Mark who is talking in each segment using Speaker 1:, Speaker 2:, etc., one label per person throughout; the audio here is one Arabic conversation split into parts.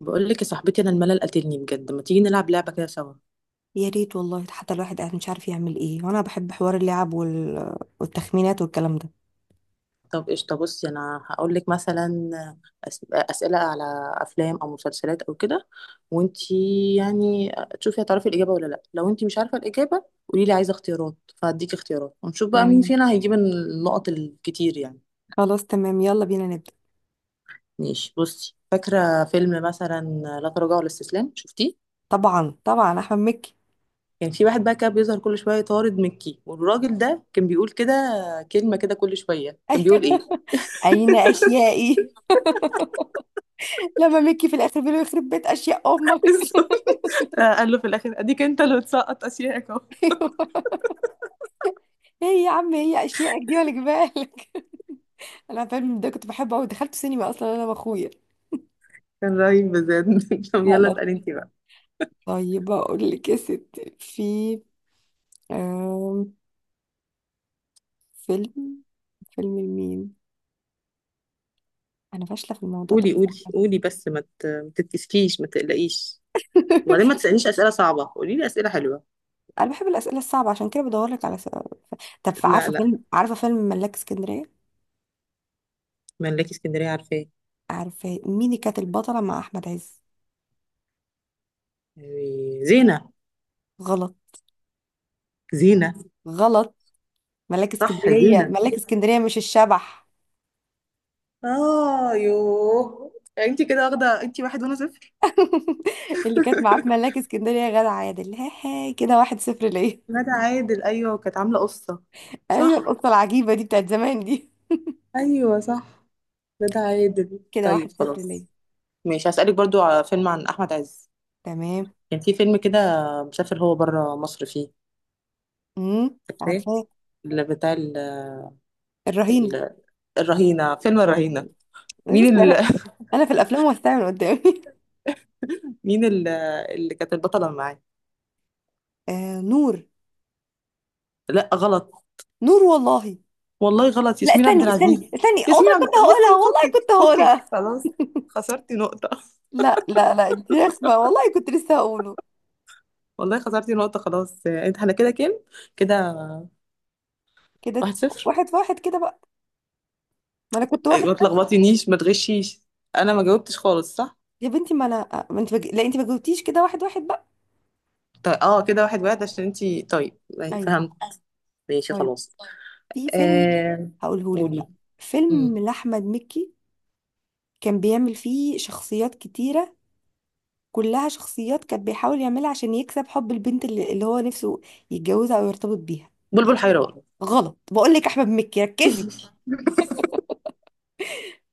Speaker 1: بقول لك يا صاحبتي، انا الملل قاتلني بجد. ما تيجي نلعب لعبه كده سوا؟
Speaker 2: يا ريت والله، حتى الواحد قاعد مش عارف يعمل ايه. وانا بحب حوار اللعب والتخمينات والكلام ده.
Speaker 1: طب قشطه، بصي انا هقول لك مثلا اسئله على افلام او مسلسلات او كده، وانتي يعني تشوفي هتعرفي الاجابه ولا لا. لو انتي مش عارفه الاجابه قولي لي عايزه اختيارات، فهديكي اختيارات ونشوف بقى مين
Speaker 2: تمام.
Speaker 1: فينا هيجيب النقط الكتير يعني.
Speaker 2: خلاص تمام، يلا بينا نبدأ.
Speaker 1: ماشي، بصي فاكره فيلم مثلا لا تراجع ولا استسلام، شفتيه؟
Speaker 2: طبعا طبعا، احمد مكي.
Speaker 1: كان في واحد بقى كان بيظهر كل شويه طارد مكي، والراجل ده كان بيقول كده كلمه كده كل شويه، كان بيقول ايه؟
Speaker 2: ايوه. اين اشيائي؟ لما مكي في الاخر بيقول له يخرب بيت اشياء امك.
Speaker 1: آه، قال له في الاخر اديك انت اللي بتسقط اشيائك اهو.
Speaker 2: ايوه. ايه يا عم، هي اشيائك دي ولا جبالك؟ انا فيلم ده كنت بحبه قوي، دخلت سينما اصلا انا واخويا.
Speaker 1: كان رهيب بجد. طب
Speaker 2: لا
Speaker 1: يلا
Speaker 2: لا.
Speaker 1: اسألي انت بقى.
Speaker 2: طيب اقول لك يا ستي، في آم، فيلم فيلم لمين؟ انا فاشله في الموضوع ده.
Speaker 1: قولي قولي قولي بس، ما تتكسفيش ما تقلقيش. وبعدين ما تسألنيش أسئلة صعبة، قولي لي أسئلة حلوة.
Speaker 2: انا بحب الاسئله الصعبه، عشان كده بدور لك على سؤال. طب
Speaker 1: لا
Speaker 2: عارفه فيلم
Speaker 1: لا،
Speaker 2: عارفه فيلم ملاك اسكندريه؟
Speaker 1: ملاكي اسكندرية عارفاه.
Speaker 2: عارفه مين اللي كانت البطله مع احمد عز؟
Speaker 1: أيوة، زينة.
Speaker 2: غلط.
Speaker 1: زينة.
Speaker 2: غلط. ملاك
Speaker 1: صح
Speaker 2: اسكندريه
Speaker 1: زينة.
Speaker 2: ملاك اسكندريه مش الشبح.
Speaker 1: اه يوه، انت كده واخده، انت واحد وانا صفر.
Speaker 2: اللي كانت معاه في ملاك اسكندريه غادة عادل، هاي هاي كده واحد صفر ليا.
Speaker 1: ندى عادل، ايوه كانت عاملة قصة.
Speaker 2: ايوه،
Speaker 1: صح.
Speaker 2: القصه العجيبه دي بتاعت زمان دي.
Speaker 1: ايوه صح. ندى عادل،
Speaker 2: كده
Speaker 1: طيب
Speaker 2: واحد صفر
Speaker 1: خلاص.
Speaker 2: ليا.
Speaker 1: ماشي، هسألك برضو على فيلم عن أحمد عز.
Speaker 2: تمام.
Speaker 1: كان في فيلم كده، مسافر هو بره مصر فيه.
Speaker 2: امم،
Speaker 1: فاكراه؟
Speaker 2: عارفاه.
Speaker 1: اللي بتاع
Speaker 2: الرهينه.
Speaker 1: ال... الرهينة، فيلم
Speaker 2: اه،
Speaker 1: الرهينة.
Speaker 2: بس
Speaker 1: مين
Speaker 2: انا في الافلام والساعه من قدامي.
Speaker 1: مين اللي كانت البطلة معاه؟
Speaker 2: آه نور.
Speaker 1: لا غلط.
Speaker 2: نور والله.
Speaker 1: والله غلط،
Speaker 2: لا،
Speaker 1: ياسمين عبد
Speaker 2: استني استني
Speaker 1: العزيز.
Speaker 2: استني، والله
Speaker 1: ياسمين عبد،
Speaker 2: كنت هقولها،
Speaker 1: بصي
Speaker 2: والله
Speaker 1: فكك
Speaker 2: كنت هقولها.
Speaker 1: فكك خلاص، خسرتي نقطة.
Speaker 2: لا لا لا، دي رخمة، والله كنت لسه هقوله.
Speaker 1: والله خسرتي نقطة خلاص، انت احنا كده كام؟ كده
Speaker 2: كده
Speaker 1: واحد صفر.
Speaker 2: واحد في واحد كده بقى. ما انا كنت
Speaker 1: أيوة،
Speaker 2: واحد
Speaker 1: ما
Speaker 2: بس.
Speaker 1: تلخبطينيش ما تغشيش. انا ما جاوبتش خالص، صح.
Speaker 2: يا بنتي، ما انا ما انت بج... لا، انت ما جاوبتيش، كده واحد واحد بقى.
Speaker 1: طيب، اه كده واحد واحد عشان انتي طيب.
Speaker 2: ايوه.
Speaker 1: فهمت. ماشي
Speaker 2: طيب،
Speaker 1: خلاص.
Speaker 2: في فيلم
Speaker 1: آه...
Speaker 2: هقوله لك
Speaker 1: قولي.
Speaker 2: بقى، فيلم
Speaker 1: مم.
Speaker 2: لاحمد مكي، كان بيعمل فيه شخصيات كتيرة، كلها شخصيات كان بيحاول يعملها عشان يكسب حب البنت اللي هو نفسه يتجوزها او يرتبط بيها.
Speaker 1: بلبل حيران.
Speaker 2: غلط، بقول لك احمد مكي، ركزي.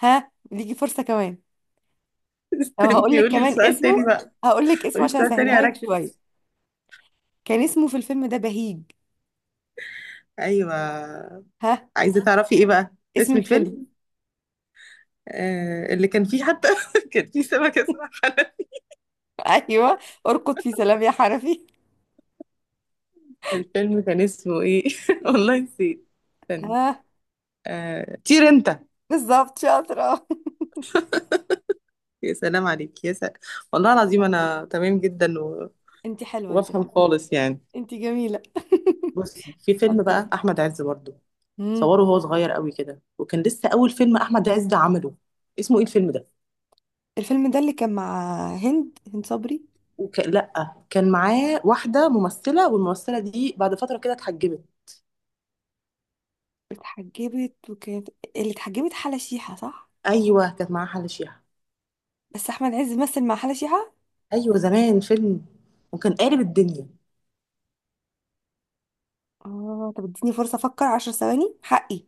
Speaker 2: ها، ليكي فرصة كمان. طب هقول لك
Speaker 1: يقول لي
Speaker 2: كمان
Speaker 1: السؤال تاني
Speaker 2: اسمه،
Speaker 1: بقى،
Speaker 2: هقول لك اسمه
Speaker 1: قولي
Speaker 2: عشان
Speaker 1: السؤال تاني
Speaker 2: اسهلها لك
Speaker 1: اركز.
Speaker 2: شويه. كان اسمه في الفيلم ده بهيج.
Speaker 1: ايوه،
Speaker 2: ها.
Speaker 1: عايزه تعرفي ايه بقى،
Speaker 2: اسم
Speaker 1: اسم
Speaker 2: الفيلم.
Speaker 1: فيلم؟ اللي كان فيه حتى كان فيه سمكه اسمها حنان.
Speaker 2: ايوه. ارقد في سلام يا حنفي.
Speaker 1: الفيلم كان اسمه ايه؟ والله نسيت. استنى.
Speaker 2: ها.
Speaker 1: آه، طير انت.
Speaker 2: بالظبط، شاطره.
Speaker 1: يا سلام عليك يا سلام. والله العظيم انا تمام جدا
Speaker 2: انت حلوه، انت
Speaker 1: وبفهم
Speaker 2: حلوه.
Speaker 1: خالص يعني.
Speaker 2: انت جميله.
Speaker 1: بصي، في
Speaker 2: طب
Speaker 1: فيلم
Speaker 2: يلا.
Speaker 1: بقى احمد عز برضه،
Speaker 2: مم.
Speaker 1: صوره وهو صغير قوي كده، وكان لسه اول فيلم احمد عز عمله. اسمه ايه الفيلم ده؟
Speaker 2: الفيلم ده اللي كان مع هند صبري.
Speaker 1: لا كان معاه واحده ممثله، والممثله دي بعد فتره كده اتحجبت.
Speaker 2: اتحجبت وكانت، اللي اتحجبت حلا شيحه، صح؟
Speaker 1: ايوه كانت معاه حل شيحه.
Speaker 2: بس احمد عز مثل مع حلا شيحه.
Speaker 1: ايوه زمان، فيلم وكان قالب الدنيا.
Speaker 2: اه، طب اديني فرصه افكر 10 ثواني حقي.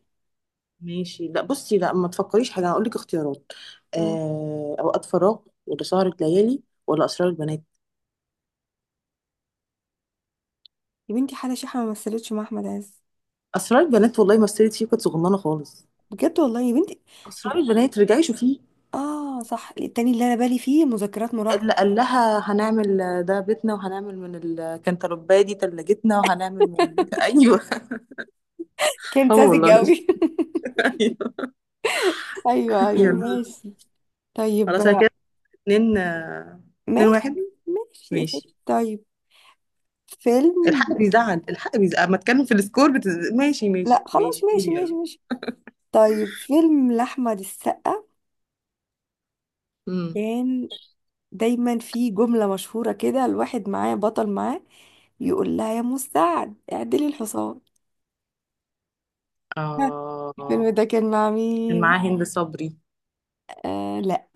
Speaker 1: ماشي، لا بصي لا ما تفكريش حاجه، هقول لك اختيارات.
Speaker 2: مم.
Speaker 1: اوقات فراغ ولا سهره ليالي ولا اسرار البنات؟
Speaker 2: يا بنتي، حلا شيحه ما مثلتش مع احمد عز.
Speaker 1: اسرار البنات والله، مثلت فيه كانت صغننه خالص.
Speaker 2: بجد والله يا بنتي. مش...
Speaker 1: اسرار البنات رجعي شوفيه.
Speaker 2: اه صح، التاني اللي انا بالي فيه مذكرات مراهقة.
Speaker 1: اللي قال لها هنعمل ده بيتنا، وهنعمل من الكنتالوبايه دي تلاجتنا، وهنعمل من، ايوه.
Speaker 2: كان
Speaker 1: اه
Speaker 2: ساذج
Speaker 1: والله.
Speaker 2: قوي.
Speaker 1: ايوه.
Speaker 2: ايوه ايوه،
Speaker 1: يلا
Speaker 2: ماشي. طيب.
Speaker 1: خلاص أنا كده اتنين، اتنين
Speaker 2: ماشي
Speaker 1: واحد.
Speaker 2: ماشي يا
Speaker 1: ماشي،
Speaker 2: ستي، طيب. فيلم.
Speaker 1: الحق بيزعل، الحق بيزعل اما اتكلم في السكور، ماشي ماشي
Speaker 2: لا خلاص،
Speaker 1: ماشي،
Speaker 2: ماشي
Speaker 1: قولي
Speaker 2: ماشي
Speaker 1: يلا.
Speaker 2: ماشي. طيب، فيلم لأحمد السقا،
Speaker 1: امم.
Speaker 2: كان دايما في جملة مشهورة كده، الواحد معاه بطل معاه يقول لها يا مساعد اعدلي الحصان. ها، الفيلم
Speaker 1: اه
Speaker 2: ده كان مع
Speaker 1: كان
Speaker 2: مين؟
Speaker 1: معاه هند صبري.
Speaker 2: آه لا.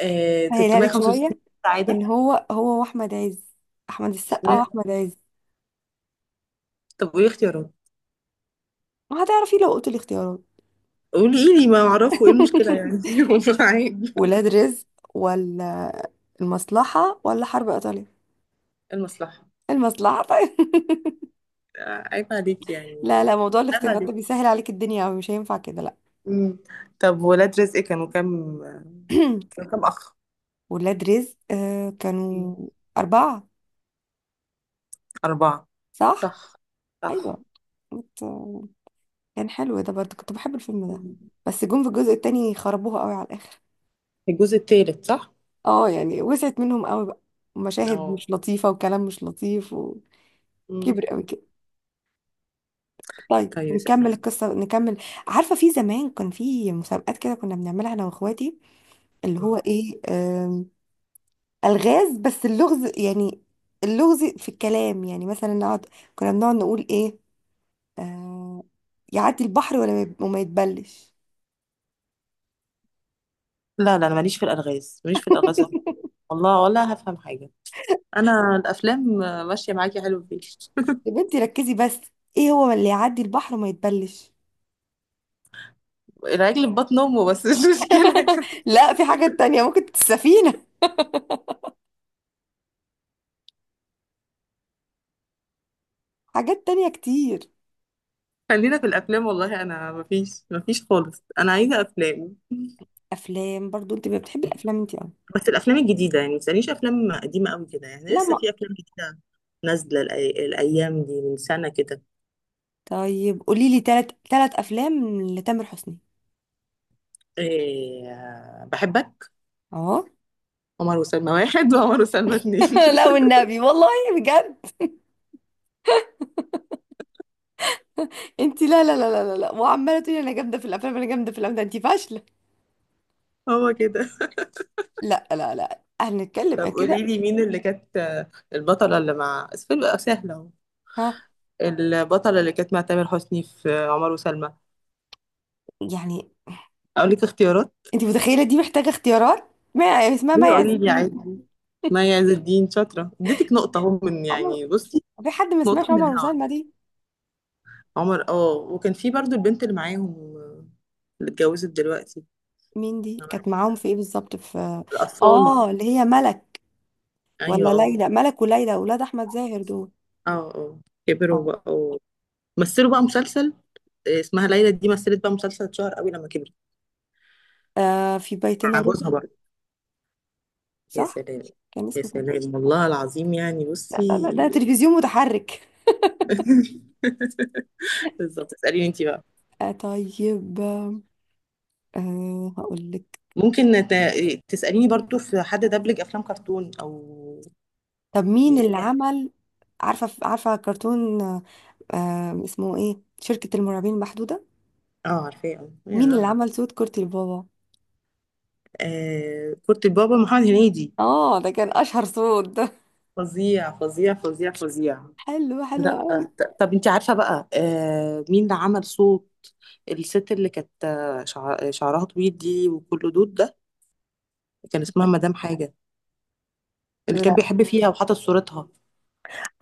Speaker 1: آه
Speaker 2: هسهلها لك
Speaker 1: 365
Speaker 2: شويه. ان
Speaker 1: سعادة.
Speaker 2: هو، هو واحمد عز، احمد السقا واحمد عز.
Speaker 1: طب وايه اختيارات؟
Speaker 2: ما هتعرفي لو قلت الاختيارات.
Speaker 1: قولي، ايه لي ما اعرفه؟ ايه المشكلة يعني؟ عيب.
Speaker 2: ولاد رزق ولا المصلحه ولا حرب ايطاليا؟
Speaker 1: المصلحة.
Speaker 2: المصلحه. طيب.
Speaker 1: عيب عليك يعني.
Speaker 2: لا لا، موضوع
Speaker 1: عيب
Speaker 2: الاختيارات ده
Speaker 1: عليك.
Speaker 2: بيسهل عليك الدنيا أوي، مش هينفع كده، لا.
Speaker 1: مم. طب ولاد رزق كانوا كام؟ كانوا كام اخ؟
Speaker 2: ولاد رزق، آه، كانوا
Speaker 1: مم.
Speaker 2: أربعة.
Speaker 1: أربعة.
Speaker 2: صح؟
Speaker 1: صح.
Speaker 2: أيوة.
Speaker 1: صح.
Speaker 2: كنت-، كان حلو ده برضه، كنت بحب الفيلم ده.
Speaker 1: مم.
Speaker 2: بس جم في الجزء التاني خربوها قوي على الآخر.
Speaker 1: الجزء الثالث صح؟
Speaker 2: اه يعني، وسعت منهم قوي بقى، مشاهد
Speaker 1: اه.
Speaker 2: مش لطيفة وكلام مش لطيف وكبر قوي
Speaker 1: امم.
Speaker 2: كده. طيب
Speaker 1: طيب اسألي
Speaker 2: نكمل
Speaker 1: يلا.
Speaker 2: القصة نكمل. عارفة، في زمان كان في مسابقات كده كنا بنعملها أنا وإخواتي، اللي هو
Speaker 1: مم.
Speaker 2: إيه، ألغاز. بس اللغز يعني، اللغز في الكلام يعني، مثلا نقعد، كنا بنقعد نقول إيه، آه، يعدي البحر ولا ما يب- وما يتبلش.
Speaker 1: لا لا، انا ماليش في الالغاز ماليش في الالغاز أبداً. والله ولا هفهم حاجه، انا الافلام ماشيه معاكي حلو فيه.
Speaker 2: يا بنتي ركزي بس، إيه هو اللي يعدي البحر وما يتبلش؟
Speaker 1: العجل في بطن امه، بس مش مشكله.
Speaker 2: لا، في حاجات تانية، ممكن السفينة، حاجات تانية كتير.
Speaker 1: خلينا في الافلام، والله انا مفيش مفيش خالص، انا عايزه افلام.
Speaker 2: افلام برضو انت بتحبي
Speaker 1: مم.
Speaker 2: الافلام انت، اه.
Speaker 1: بس الافلام الجديده يعني، ما تسالنيش افلام قديمه قوي كده يعني،
Speaker 2: لا
Speaker 1: لسه
Speaker 2: ما.
Speaker 1: في افلام جديده نازله الايام دي من سنه كده.
Speaker 2: طيب قولي لي ثلاث افلام لتامر حسني.
Speaker 1: إيه بحبك.
Speaker 2: اه.
Speaker 1: عمر وسلمى واحد، وعمر وسلمى اتنين.
Speaker 2: لا والنبي والله، بجد انت. لا لا لا لا لا لا. وعماله تقولي انا جامده في الافلام، انا جامده في الافلام، ده انت فاشله.
Speaker 1: هو كده.
Speaker 2: لا لا لا، هنتكلم عن
Speaker 1: طب
Speaker 2: كده.
Speaker 1: قولي لي مين اللي كانت البطلة اللي مع بس فيلم سهلة اهو،
Speaker 2: ها.
Speaker 1: البطلة اللي كانت مع تامر حسني في عمر وسلمى؟
Speaker 2: يعني
Speaker 1: اقول لك اختيارات؟
Speaker 2: انت متخيله دي محتاجه اختيارات؟ ما يعني اسمها، ما
Speaker 1: ايوه
Speaker 2: عز
Speaker 1: قولي لي عادي.
Speaker 2: الدين.
Speaker 1: مي عز الدين، شاطرة اديتك نقطة اهو، من
Speaker 2: عمر.
Speaker 1: يعني بصي،
Speaker 2: في حد ما سمعش
Speaker 1: نقطة من
Speaker 2: عمر
Speaker 1: الهوا.
Speaker 2: وسلمى دي؟
Speaker 1: عمر، وكان في برضو البنت اللي معاهم، آه، اللي اتجوزت دلوقتي.
Speaker 2: مين دي كانت معاهم في ايه بالظبط، في،
Speaker 1: الأطفال.
Speaker 2: اه، اللي هي ملك
Speaker 1: ايوه
Speaker 2: ولا
Speaker 1: اه
Speaker 2: ليلى. ملك وليلى اولاد احمد زاهر دول.
Speaker 1: اه اه. كبروا
Speaker 2: اه.
Speaker 1: بقى مثلوا بقى مسلسل. اسمها ليلى دي مثلت بقى مسلسل اتشهر قوي لما كبرت،
Speaker 2: آه، في بيتنا
Speaker 1: مع
Speaker 2: روبي.
Speaker 1: جوزها برضه. يا
Speaker 2: صح،
Speaker 1: سلام.
Speaker 2: كان
Speaker 1: يا
Speaker 2: اسمه كده.
Speaker 1: سلام، والله العظيم يعني
Speaker 2: لا
Speaker 1: بصي.
Speaker 2: لا لا، ده تلفزيون متحرك.
Speaker 1: بالظبط، اسأليني انت بقى.
Speaker 2: آه طيب، آه، هقول لك.
Speaker 1: ممكن تسأليني برضو، في حد دبلج افلام كرتون او
Speaker 2: طب مين اللي
Speaker 1: يعني؟
Speaker 2: عمل. عارفه، عارفه كرتون، آه، اسمه ايه، شركة المرعبين المحدودة.
Speaker 1: اه عارفاه. اه
Speaker 2: مين اللي
Speaker 1: يا.
Speaker 2: عمل صوت كورتي البابا؟
Speaker 1: كرة البابا محمد هنيدي.
Speaker 2: اه، ده كان اشهر صوت ده.
Speaker 1: فظيع فظيع فظيع فظيع.
Speaker 2: حلو، حلو
Speaker 1: لا،
Speaker 2: قوي.
Speaker 1: طب انت عارفة بقى، مين اللي عمل صوت الست اللي كانت شعرها طويل دي وكله دود ده؟ كان اسمها مدام حاجة، اللي كان
Speaker 2: لا
Speaker 1: بيحب فيها وحاطط صورتها.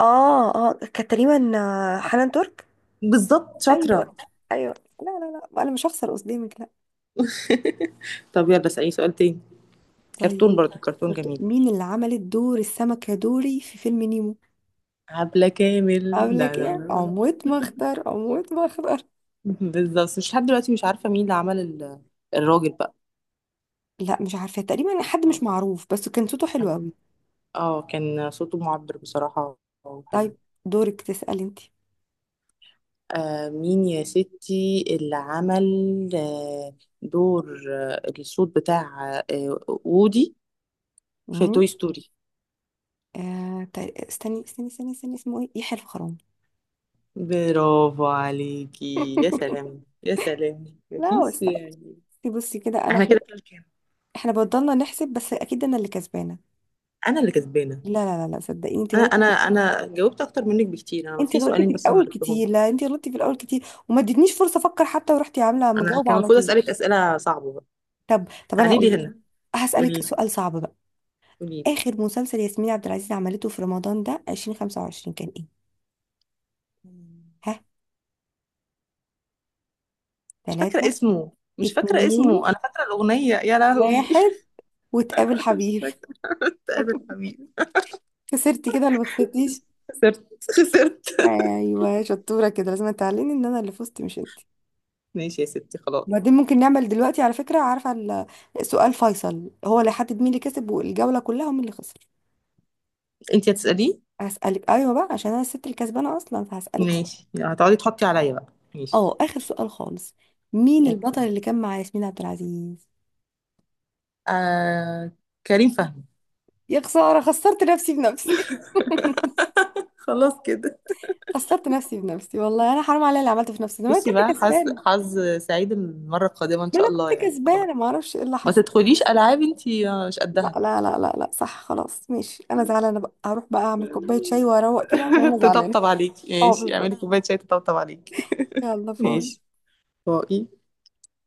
Speaker 2: اه اه، كانت تقريبا حنان ترك.
Speaker 1: بالضبط شاطرة.
Speaker 2: ايوه. ايوه. لا لا لا، انا مش هخسر قصدي.
Speaker 1: طب يلا اسألي سؤال تاني، كرتون
Speaker 2: طيب.
Speaker 1: برضو كرتون جميل.
Speaker 2: مين اللي عملت دور السمكة دوري في فيلم نيمو؟
Speaker 1: عبلة كامل، لا
Speaker 2: قبلك
Speaker 1: لا،
Speaker 2: ايه،
Speaker 1: لا لا.
Speaker 2: عمود مختار، عمود مختار.
Speaker 1: بالظبط، بس مش لحد دلوقتي مش عارفة مين اللي عمل الراجل بقى.
Speaker 2: لا مش عارفة، تقريبا حد مش معروف، بس كان صوته حلو قوي.
Speaker 1: اه كان صوته معبر بصراحة وحلو.
Speaker 2: طيب، دورك تسألي انت.
Speaker 1: مين يا ستي اللي عمل آه دور الصوت بتاع وودي في
Speaker 2: امم.
Speaker 1: توي ستوري؟
Speaker 2: آه طيب، استني استني استني استني، اسمه ايه، يحيى الفخراني.
Speaker 1: برافو عليكي، يا سلام يا سلام،
Speaker 2: لا هو
Speaker 1: مفيش
Speaker 2: استني،
Speaker 1: يعني.
Speaker 2: بصي كده انا،
Speaker 1: احنا
Speaker 2: احنا
Speaker 1: كده كام؟
Speaker 2: احنا بضلنا نحسب، بس اكيد انا اللي كسبانة.
Speaker 1: انا اللي كسبانة.
Speaker 2: لا لا لا لا، صدقيني انت
Speaker 1: انا
Speaker 2: غلطتي
Speaker 1: انا
Speaker 2: في...
Speaker 1: انا جاوبت اكتر منك بكتير، انا
Speaker 2: انت
Speaker 1: في
Speaker 2: غلطتي في
Speaker 1: سؤالين بس ما
Speaker 2: الاول
Speaker 1: عرفتهم.
Speaker 2: كتير، لا انت غلطتي في الاول كتير وما ادتنيش فرصة افكر حتى، ورحتي عاملة
Speaker 1: انا
Speaker 2: مجاوبة
Speaker 1: كان
Speaker 2: على
Speaker 1: المفروض
Speaker 2: طول.
Speaker 1: اسالك اسئله صعبه بقى.
Speaker 2: طب انا
Speaker 1: تعالي
Speaker 2: هقول
Speaker 1: لي
Speaker 2: لك،
Speaker 1: هنا.
Speaker 2: هسألك
Speaker 1: قولي لي
Speaker 2: سؤال صعب بقى.
Speaker 1: قولي لي.
Speaker 2: اخر مسلسل ياسمين عبد العزيز عملته في رمضان ده 2025 كان ايه؟ ها.
Speaker 1: مش فاكره
Speaker 2: ثلاثة،
Speaker 1: اسمه. مش فاكره اسمه، انا
Speaker 2: اتنين،
Speaker 1: فاكره الاغنيه يا لهوي.
Speaker 2: واحد، وتقابل
Speaker 1: انا مش
Speaker 2: حبيب.
Speaker 1: فاكره. تقابل حبيبي.
Speaker 2: خسرتي كده ولا ما خسرتيش؟
Speaker 1: خسرت خسرت.
Speaker 2: ايوه، شطورة كده. لازم تعلمي ان انا اللي فزت مش انت.
Speaker 1: ماشي يا ستي خلاص.
Speaker 2: وبعدين ممكن نعمل دلوقتي على فكرة، عارفة سؤال فيصل هو اللي حدد مين اللي كسب والجولة كلها ومين اللي خسر.
Speaker 1: انت هتساليه.
Speaker 2: هسألك، ايوه بقى، عشان انا الست الكسبانة اصلا، فهسألك سؤال.
Speaker 1: ماشي، هتقعدي تحطي عليا بقى، ماشي.
Speaker 2: اه، اخر سؤال خالص. مين
Speaker 1: اوكي.
Speaker 2: البطل اللي كان مع ياسمين عبد العزيز؟
Speaker 1: آه... كريم فهمي.
Speaker 2: يا خسارة، خسرت نفسي بنفسي.
Speaker 1: خلاص كده.
Speaker 2: خسرت نفسي بنفسي، والله انا حرام عليا اللي عملته في نفسي ده، ما انا
Speaker 1: بصي
Speaker 2: كنت
Speaker 1: بقى، حظ
Speaker 2: كسبانة.
Speaker 1: حظ سعيد المره القادمه ان
Speaker 2: ما
Speaker 1: شاء
Speaker 2: انا كنت
Speaker 1: الله يعني، خلاص.
Speaker 2: كسبانة، ما اعرفش ايه اللي
Speaker 1: ما
Speaker 2: حصل.
Speaker 1: تدخليش العاب انتي، مش
Speaker 2: لا
Speaker 1: قدها.
Speaker 2: لا لا لا لا، صح، خلاص ماشي، انا زعلانة بقى، هروح بقى اعمل كوباية شاي واروق كده عشان انا زعلانة.
Speaker 1: تطبطب عليكي،
Speaker 2: اه
Speaker 1: ماشي اعملي
Speaker 2: بالظبط.
Speaker 1: كوبايه شاي تطبطب عليكي.
Speaker 2: يلا باي.
Speaker 1: ماشي باي.